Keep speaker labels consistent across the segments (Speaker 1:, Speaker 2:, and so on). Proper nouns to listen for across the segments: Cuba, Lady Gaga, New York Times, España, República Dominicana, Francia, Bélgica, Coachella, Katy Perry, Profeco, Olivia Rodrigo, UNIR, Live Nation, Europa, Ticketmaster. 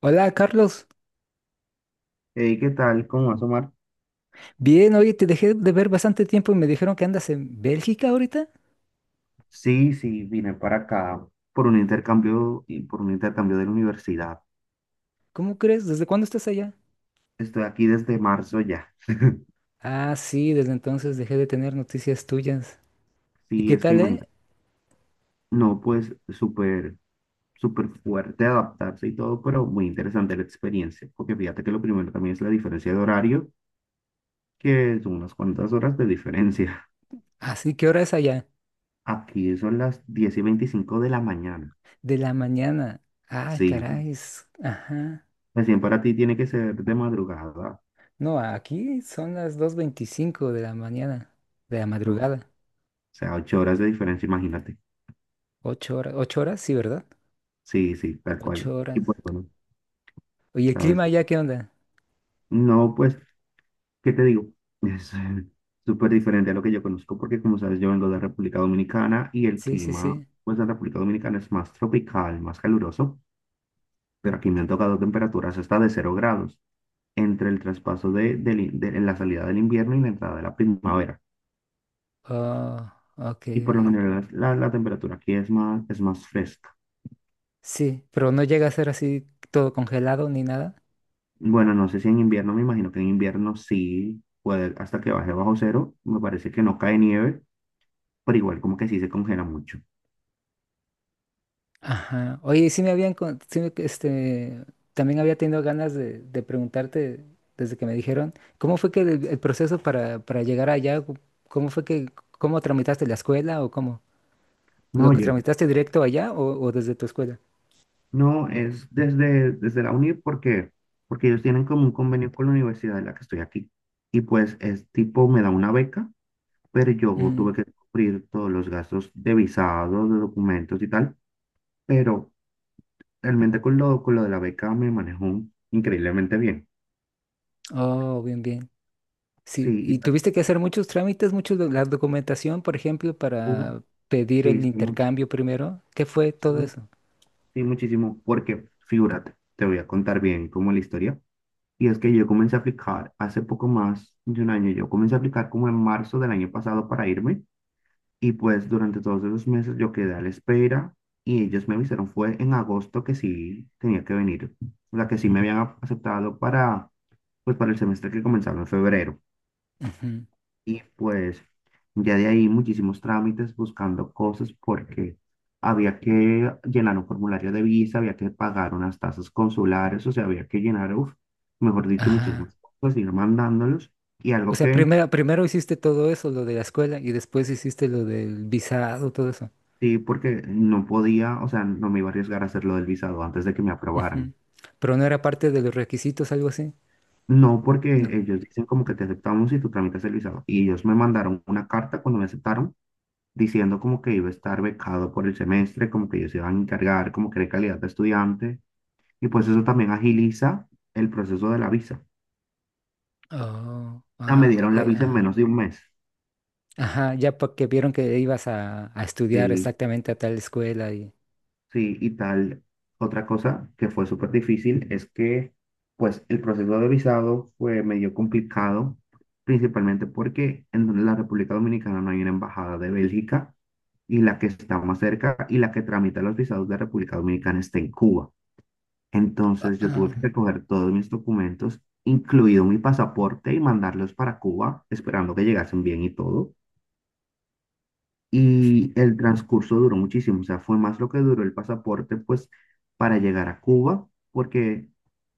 Speaker 1: Hola, Carlos.
Speaker 2: Hey, ¿qué tal? ¿Cómo vas, Omar?
Speaker 1: Bien, oye, te dejé de ver bastante tiempo y me dijeron que andas en Bélgica ahorita.
Speaker 2: Sí, sí, vine para acá por un intercambio de la universidad.
Speaker 1: ¿Cómo crees? ¿Desde cuándo estás allá?
Speaker 2: Estoy aquí desde marzo ya.
Speaker 1: Ah, sí, desde entonces dejé de tener noticias tuyas. ¿Y
Speaker 2: Sí,
Speaker 1: qué
Speaker 2: es que
Speaker 1: tal, eh?
Speaker 2: imagínate. No, pues súper, súper fuerte adaptarse y todo, pero muy interesante la experiencia. Porque fíjate que lo primero también es la diferencia de horario, que son unas cuantas horas de diferencia.
Speaker 1: Así, ¿qué hora es allá?
Speaker 2: Aquí son las 10:25 de la mañana.
Speaker 1: De la mañana. Ah,
Speaker 2: Sí,
Speaker 1: caray. Ajá.
Speaker 2: recién para ti tiene que ser de madrugada.
Speaker 1: No, aquí son las 2:25 de la mañana, de la
Speaker 2: Uf, o
Speaker 1: madrugada.
Speaker 2: sea, 8 horas de diferencia, imagínate.
Speaker 1: 8 horas, 8 horas, sí, ¿verdad?
Speaker 2: Sí, sí, tal cual.
Speaker 1: Ocho
Speaker 2: Y
Speaker 1: horas.
Speaker 2: pues bueno,
Speaker 1: Oye, ¿el
Speaker 2: ¿sabes?
Speaker 1: clima allá qué onda?
Speaker 2: No, pues, ¿qué te digo? Es súper diferente a lo que yo conozco porque, como sabes, yo vengo de República Dominicana y el
Speaker 1: Sí, sí,
Speaker 2: clima,
Speaker 1: sí.
Speaker 2: pues, de República Dominicana es más tropical, más caluroso, pero aquí me han tocado temperaturas hasta de 0 grados entre el traspaso de, del in- de- en la salida del invierno y la entrada de la primavera.
Speaker 1: Oh, ok,
Speaker 2: Y por lo
Speaker 1: ok.
Speaker 2: general la temperatura aquí es más, fresca.
Speaker 1: Sí, pero no llega a ser así todo congelado ni nada.
Speaker 2: Bueno, no sé si en invierno, me imagino que en invierno sí puede, hasta que baje bajo cero, me parece que no cae nieve pero igual como que sí se congela mucho.
Speaker 1: Ajá. Oye, y sí me habían, también había tenido ganas de preguntarte desde que me dijeron, ¿cómo fue que el proceso para llegar allá, cómo fue que, cómo tramitaste la escuela o cómo?
Speaker 2: No,
Speaker 1: ¿Lo que
Speaker 2: oye,
Speaker 1: tramitaste directo allá o desde tu escuela?
Speaker 2: no, es desde la UNIR porque ellos tienen como un convenio con la universidad en la que estoy aquí. Y pues es tipo, me da una beca, pero yo
Speaker 1: Mm.
Speaker 2: tuve que cubrir todos los gastos de visados, de documentos y tal. Pero realmente con lo de la beca me manejo increíblemente bien.
Speaker 1: Oh, bien, bien. Sí,
Speaker 2: Sí, y
Speaker 1: y
Speaker 2: tal.
Speaker 1: tuviste que hacer muchos trámites, muchos, la documentación, por ejemplo,
Speaker 2: Uy,
Speaker 1: para pedir
Speaker 2: Sí,
Speaker 1: el
Speaker 2: sí, mu-
Speaker 1: intercambio primero. ¿Qué fue todo
Speaker 2: sí,
Speaker 1: eso?
Speaker 2: sí, muchísimo. Porque, figúrate, te voy a contar bien como la historia. Y es que yo comencé a aplicar hace poco más de un año. Yo comencé a aplicar como en marzo del año pasado para irme. Y pues durante todos esos meses yo quedé a la espera y ellos me avisaron, fue en agosto que sí tenía que venir. O sea, que sí me habían aceptado para, pues, para el semestre que comenzaba en febrero.
Speaker 1: Ujú.
Speaker 2: Y pues ya de ahí muchísimos trámites buscando cosas porque había que llenar un formulario de visa, había que pagar unas tasas consulares, o sea, había que llenar, uf, mejor dicho,
Speaker 1: Ajá.
Speaker 2: muchísimas cosas, ir mandándolos. Y
Speaker 1: O
Speaker 2: algo
Speaker 1: sea,
Speaker 2: que
Speaker 1: primero hiciste todo eso, lo de la escuela, y después hiciste lo del visado, todo eso.
Speaker 2: Sí, porque no podía, o sea, no me iba a arriesgar a hacer lo del visado antes de que me aprobaran.
Speaker 1: Ujú. Pero no era parte de los requisitos, algo así.
Speaker 2: No, porque
Speaker 1: No.
Speaker 2: ellos dicen como que te aceptamos y tú tramitas el visado. Y ellos me mandaron una carta cuando me aceptaron diciendo como que iba a estar becado por el semestre, como que ellos se iban a encargar, como que de calidad de estudiante, y pues eso también agiliza el proceso de la visa.
Speaker 1: Oh,
Speaker 2: Ya me
Speaker 1: ah, ok,
Speaker 2: dieron la visa en
Speaker 1: ajá.
Speaker 2: menos de un mes,
Speaker 1: Ajá, ya porque vieron que ibas a estudiar
Speaker 2: sí,
Speaker 1: exactamente a tal escuela y.
Speaker 2: sí, y tal. Otra cosa que fue súper difícil es que, pues, el proceso de visado fue medio complicado, principalmente porque en la República Dominicana no hay una embajada de Bélgica, y la que está más cerca y la que tramita los visados de República Dominicana está en Cuba.
Speaker 1: Ah,
Speaker 2: Entonces yo tuve que
Speaker 1: ah,
Speaker 2: recoger todos mis documentos, incluido mi pasaporte, y mandarlos para Cuba, esperando que llegasen bien y todo. Y el transcurso duró muchísimo, o sea, fue más lo que duró el pasaporte, pues, para llegar a Cuba, porque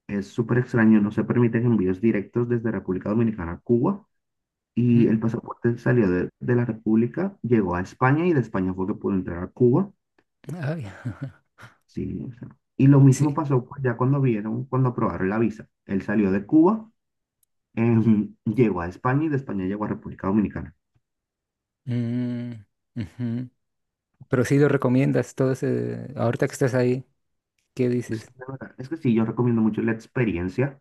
Speaker 2: es súper extraño, no se permiten envíos directos desde República Dominicana a Cuba. Y
Speaker 1: mm,
Speaker 2: el pasaporte salió de la República, llegó a España y de España fue que pudo entrar a Cuba.
Speaker 1: ay,
Speaker 2: Sí, o sea, y lo mismo
Speaker 1: sí.
Speaker 2: pasó pues, ya cuando aprobaron la visa. Él salió de Cuba. Llegó a España y de España llego a República Dominicana.
Speaker 1: Mm, ujú. Pero sí lo recomiendas, ahorita que estás ahí, ¿qué
Speaker 2: Pues, sí,
Speaker 1: dices?
Speaker 2: la verdad, es que sí, yo recomiendo mucho la experiencia,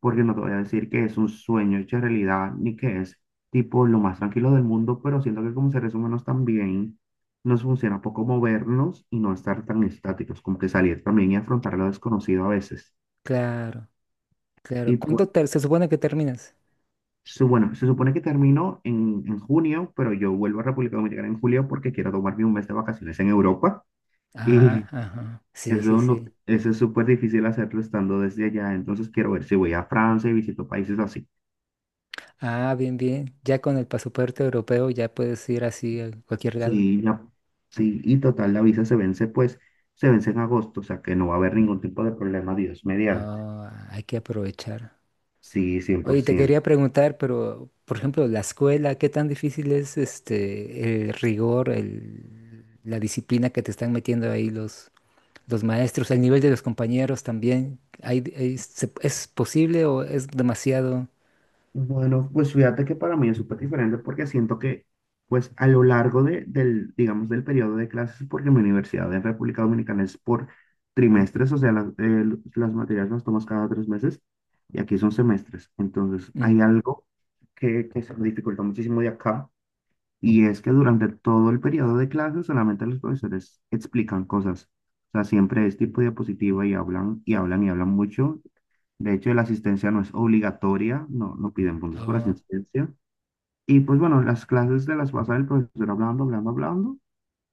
Speaker 2: porque no te voy a decir que es un sueño hecho realidad, ni que es tipo lo más tranquilo del mundo, pero siento que como seres humanos también nos funciona poco movernos y no estar tan estáticos, como que salir también y afrontar lo desconocido a veces.
Speaker 1: Claro,
Speaker 2: Y
Speaker 1: claro. ¿Cuándo
Speaker 2: pues,
Speaker 1: se supone que terminas?
Speaker 2: bueno, se supone que termino en junio, pero yo vuelvo a República Dominicana en julio porque quiero tomarme un mes de vacaciones en Europa.
Speaker 1: Ah,
Speaker 2: y
Speaker 1: ajá. Sí, sí,
Speaker 2: Eso, no,
Speaker 1: sí.
Speaker 2: eso es súper difícil hacerlo estando desde allá, entonces quiero ver si voy a Francia y visito países así.
Speaker 1: Ah, bien, bien. Ya con el pasaporte europeo ya puedes ir así a cualquier lado.
Speaker 2: Sí, ya, sí, y total, la visa se vence, pues, se vence en agosto, o sea que no va a haber ningún tipo de problema, Dios mediante.
Speaker 1: Ah, hay que aprovechar.
Speaker 2: Sí,
Speaker 1: Oye, te
Speaker 2: 100%.
Speaker 1: quería preguntar, pero, por ejemplo, la escuela, ¿qué tan difícil es el rigor, el, la disciplina que te están metiendo ahí los maestros, el nivel de los compañeros también? ¿Es posible o es demasiado?
Speaker 2: Bueno, pues fíjate que para mí es súper diferente porque siento que, pues a lo largo del periodo de clases, porque mi universidad en República Dominicana es por trimestres, o sea, las materias las tomas cada 3 meses y aquí son semestres. Entonces,
Speaker 1: Mm,
Speaker 2: hay algo que se me dificulta muchísimo de acá. Y es que durante todo el periodo de clase solamente los profesores explican cosas. O sea, siempre es tipo diapositiva y hablan y hablan y hablan mucho. De hecho, la asistencia no es obligatoria, no piden puntos por
Speaker 1: oh,
Speaker 2: asistencia. Y pues bueno, las clases se las pasa el profesor hablando, hablando, hablando.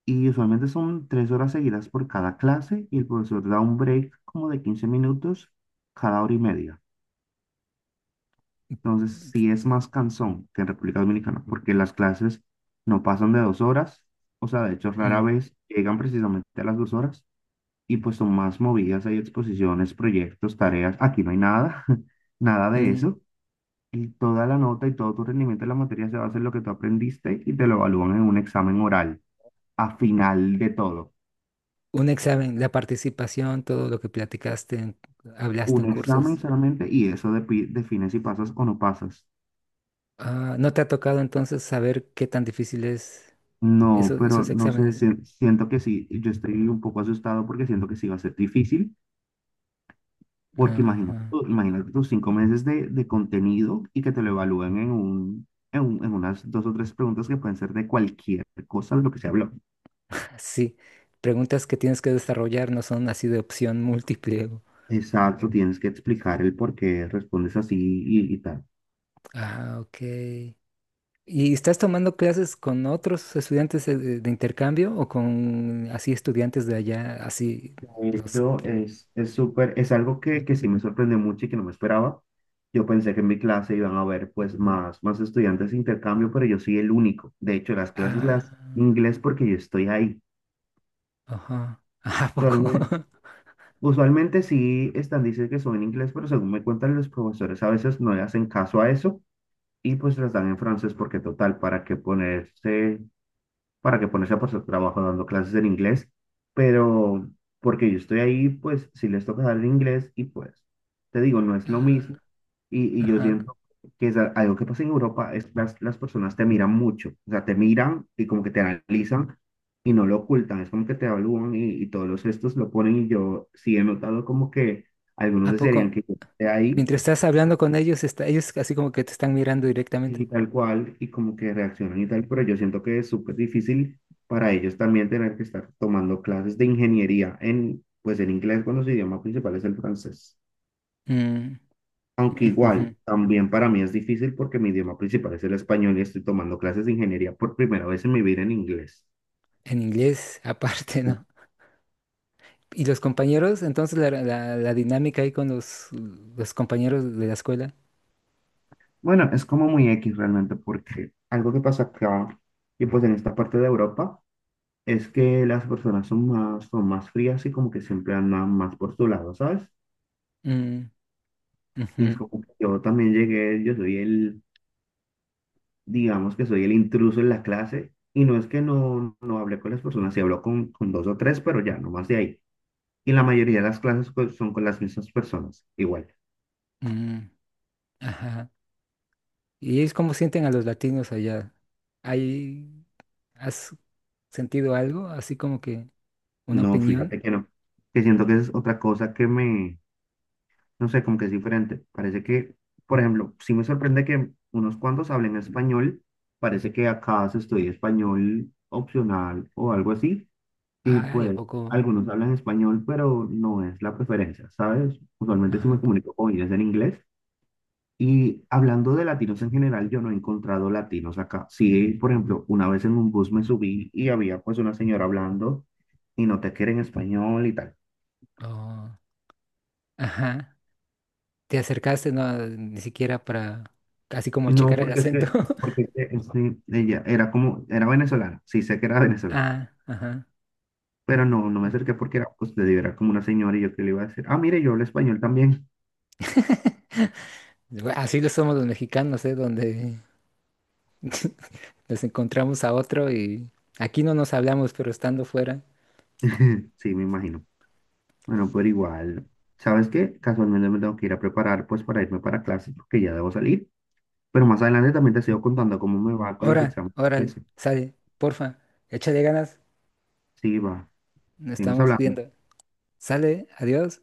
Speaker 2: Y usualmente son 3 horas seguidas por cada clase y el profesor da un break como de 15 minutos cada hora y media. Entonces, sí es más cansón que en República Dominicana, porque las clases no pasan de 2 horas, o sea, de hecho, rara
Speaker 1: mm,
Speaker 2: vez llegan precisamente a las 2 horas y pues son más movidas, hay exposiciones, proyectos, tareas, aquí no hay nada, nada de
Speaker 1: mm.
Speaker 2: eso. Y toda la nota y todo tu rendimiento en la materia se basa en lo que tú aprendiste y te lo evalúan en un examen oral, a final de todo.
Speaker 1: Un examen, la participación, todo lo que platicaste, hablaste
Speaker 2: Un
Speaker 1: en
Speaker 2: examen
Speaker 1: cursos.
Speaker 2: solamente y eso define si pasas o no pasas.
Speaker 1: Ah, ¿no te ha tocado entonces saber qué tan difícil es
Speaker 2: No, pero
Speaker 1: esos
Speaker 2: no sé,
Speaker 1: exámenes?
Speaker 2: siento que sí, yo estoy un poco asustado porque siento que sí va a ser difícil, porque imagínate,
Speaker 1: Ajá.
Speaker 2: imagínate tus 5 meses de contenido y que te lo evalúen en unas dos o tres preguntas que pueden ser de cualquier cosa de lo que se habló.
Speaker 1: Sí, preguntas que tienes que desarrollar no son así de opción múltiple.
Speaker 2: Exacto, tienes que explicar el por qué respondes así y tal.
Speaker 1: Ah, ok. ¿Y estás tomando clases con otros estudiantes de intercambio o con así estudiantes de allá, así
Speaker 2: De
Speaker 1: los.
Speaker 2: hecho, es súper, es algo que sí me sorprendió mucho y que no me esperaba. Yo pensé que en mi clase iban a haber pues más estudiantes de intercambio, pero yo soy el único. De hecho, las clases las
Speaker 1: Ah,
Speaker 2: inglés porque yo estoy ahí.
Speaker 1: ajá. ¿A poco?
Speaker 2: Usualmente, usualmente, sí están, dicen que son en inglés, pero según me cuentan los profesores a veces no le hacen caso a eso y pues las dan en francés porque total, ¿para qué ponerse para que ponerse por su trabajo dando clases en inglés? Pero porque yo estoy ahí, pues si les toca dar el inglés y pues te digo, no es lo
Speaker 1: Ah,
Speaker 2: mismo y yo
Speaker 1: ajá.
Speaker 2: siento que es algo que pasa en Europa, es las personas te miran mucho, o sea, te miran y como que te analizan y no lo ocultan, es como que te evalúan y todos los gestos lo ponen y yo sí he notado como que algunos
Speaker 1: ¿A
Speaker 2: desearían
Speaker 1: poco?
Speaker 2: que yo esté ahí
Speaker 1: Mientras estás hablando con ellos, ellos así como que te están mirando directamente.
Speaker 2: y tal cual, y como que reaccionan y tal, pero yo siento que es súper difícil para ellos también tener que estar tomando clases de ingeniería en, pues en inglés cuando su idioma principal es el francés.
Speaker 1: Mm,
Speaker 2: Aunque
Speaker 1: ujujú.
Speaker 2: igual, también para mí es difícil porque mi idioma principal es el español y estoy tomando clases de ingeniería por primera vez en mi vida en inglés.
Speaker 1: En inglés, aparte, ¿no? Y los compañeros, entonces la dinámica ahí con los compañeros de la escuela.
Speaker 2: Bueno, es como muy X realmente porque algo que pasa acá y pues en esta parte de Europa es que las personas son más, frías y como que siempre andan más por su lado, ¿sabes?
Speaker 1: Mm, ujú,
Speaker 2: Y es como que yo también llegué, digamos que soy el intruso en la clase, y no es que no hablé con las personas, sí hablo con dos o tres, pero ya, no más de ahí. Y la mayoría de las clases son con las mismas personas, igual.
Speaker 1: mm, ajá. ¿Y ellos cómo sienten a los latinos allá? ¿Hay, has sentido algo? Así como que una
Speaker 2: No, fíjate
Speaker 1: opinión.
Speaker 2: que no, que siento que es otra cosa que me, no sé, como que es diferente. Parece que, por ejemplo, sí me sorprende que unos cuantos hablen español, parece que acá se estudia español opcional o algo así. Y
Speaker 1: Ay, ¿a
Speaker 2: pues
Speaker 1: poco?
Speaker 2: algunos hablan español, pero no es la preferencia, ¿sabes? Usualmente si me
Speaker 1: Ajá.
Speaker 2: comunico con ellos en inglés. Y hablando de latinos en general, yo no he encontrado latinos acá. Sí, por ejemplo, una vez en un bus me subí y había pues una señora hablando y no te quiere en español y tal.
Speaker 1: Oh, ajá. ¿Te acercaste? No, ni siquiera para, así como
Speaker 2: No,
Speaker 1: checar el
Speaker 2: porque es
Speaker 1: acento.
Speaker 2: que, este, ella era como, era venezolana, sí sé que era venezolana,
Speaker 1: Ah, ajá.
Speaker 2: pero no, me
Speaker 1: ah.
Speaker 2: acerqué porque era, pues te digo, era como una señora y yo que le iba a decir, ah, mire, yo hablo español también.
Speaker 1: Bueno, así lo somos los mexicanos, ¿eh? Donde nos encontramos a otro y aquí no nos hablamos, pero estando fuera.
Speaker 2: Sí, me imagino. Bueno, pero igual, ¿sabes qué? Casualmente me tengo que ir a preparar pues para irme para clase porque ya debo salir. Pero más adelante también te sigo contando cómo me va con los
Speaker 1: Ora,
Speaker 2: exámenes.
Speaker 1: órale,
Speaker 2: Eso.
Speaker 1: sale, porfa, échale ganas,
Speaker 2: Sí, va.
Speaker 1: nos
Speaker 2: Seguimos
Speaker 1: estamos
Speaker 2: hablando.
Speaker 1: viendo. Sale, adiós.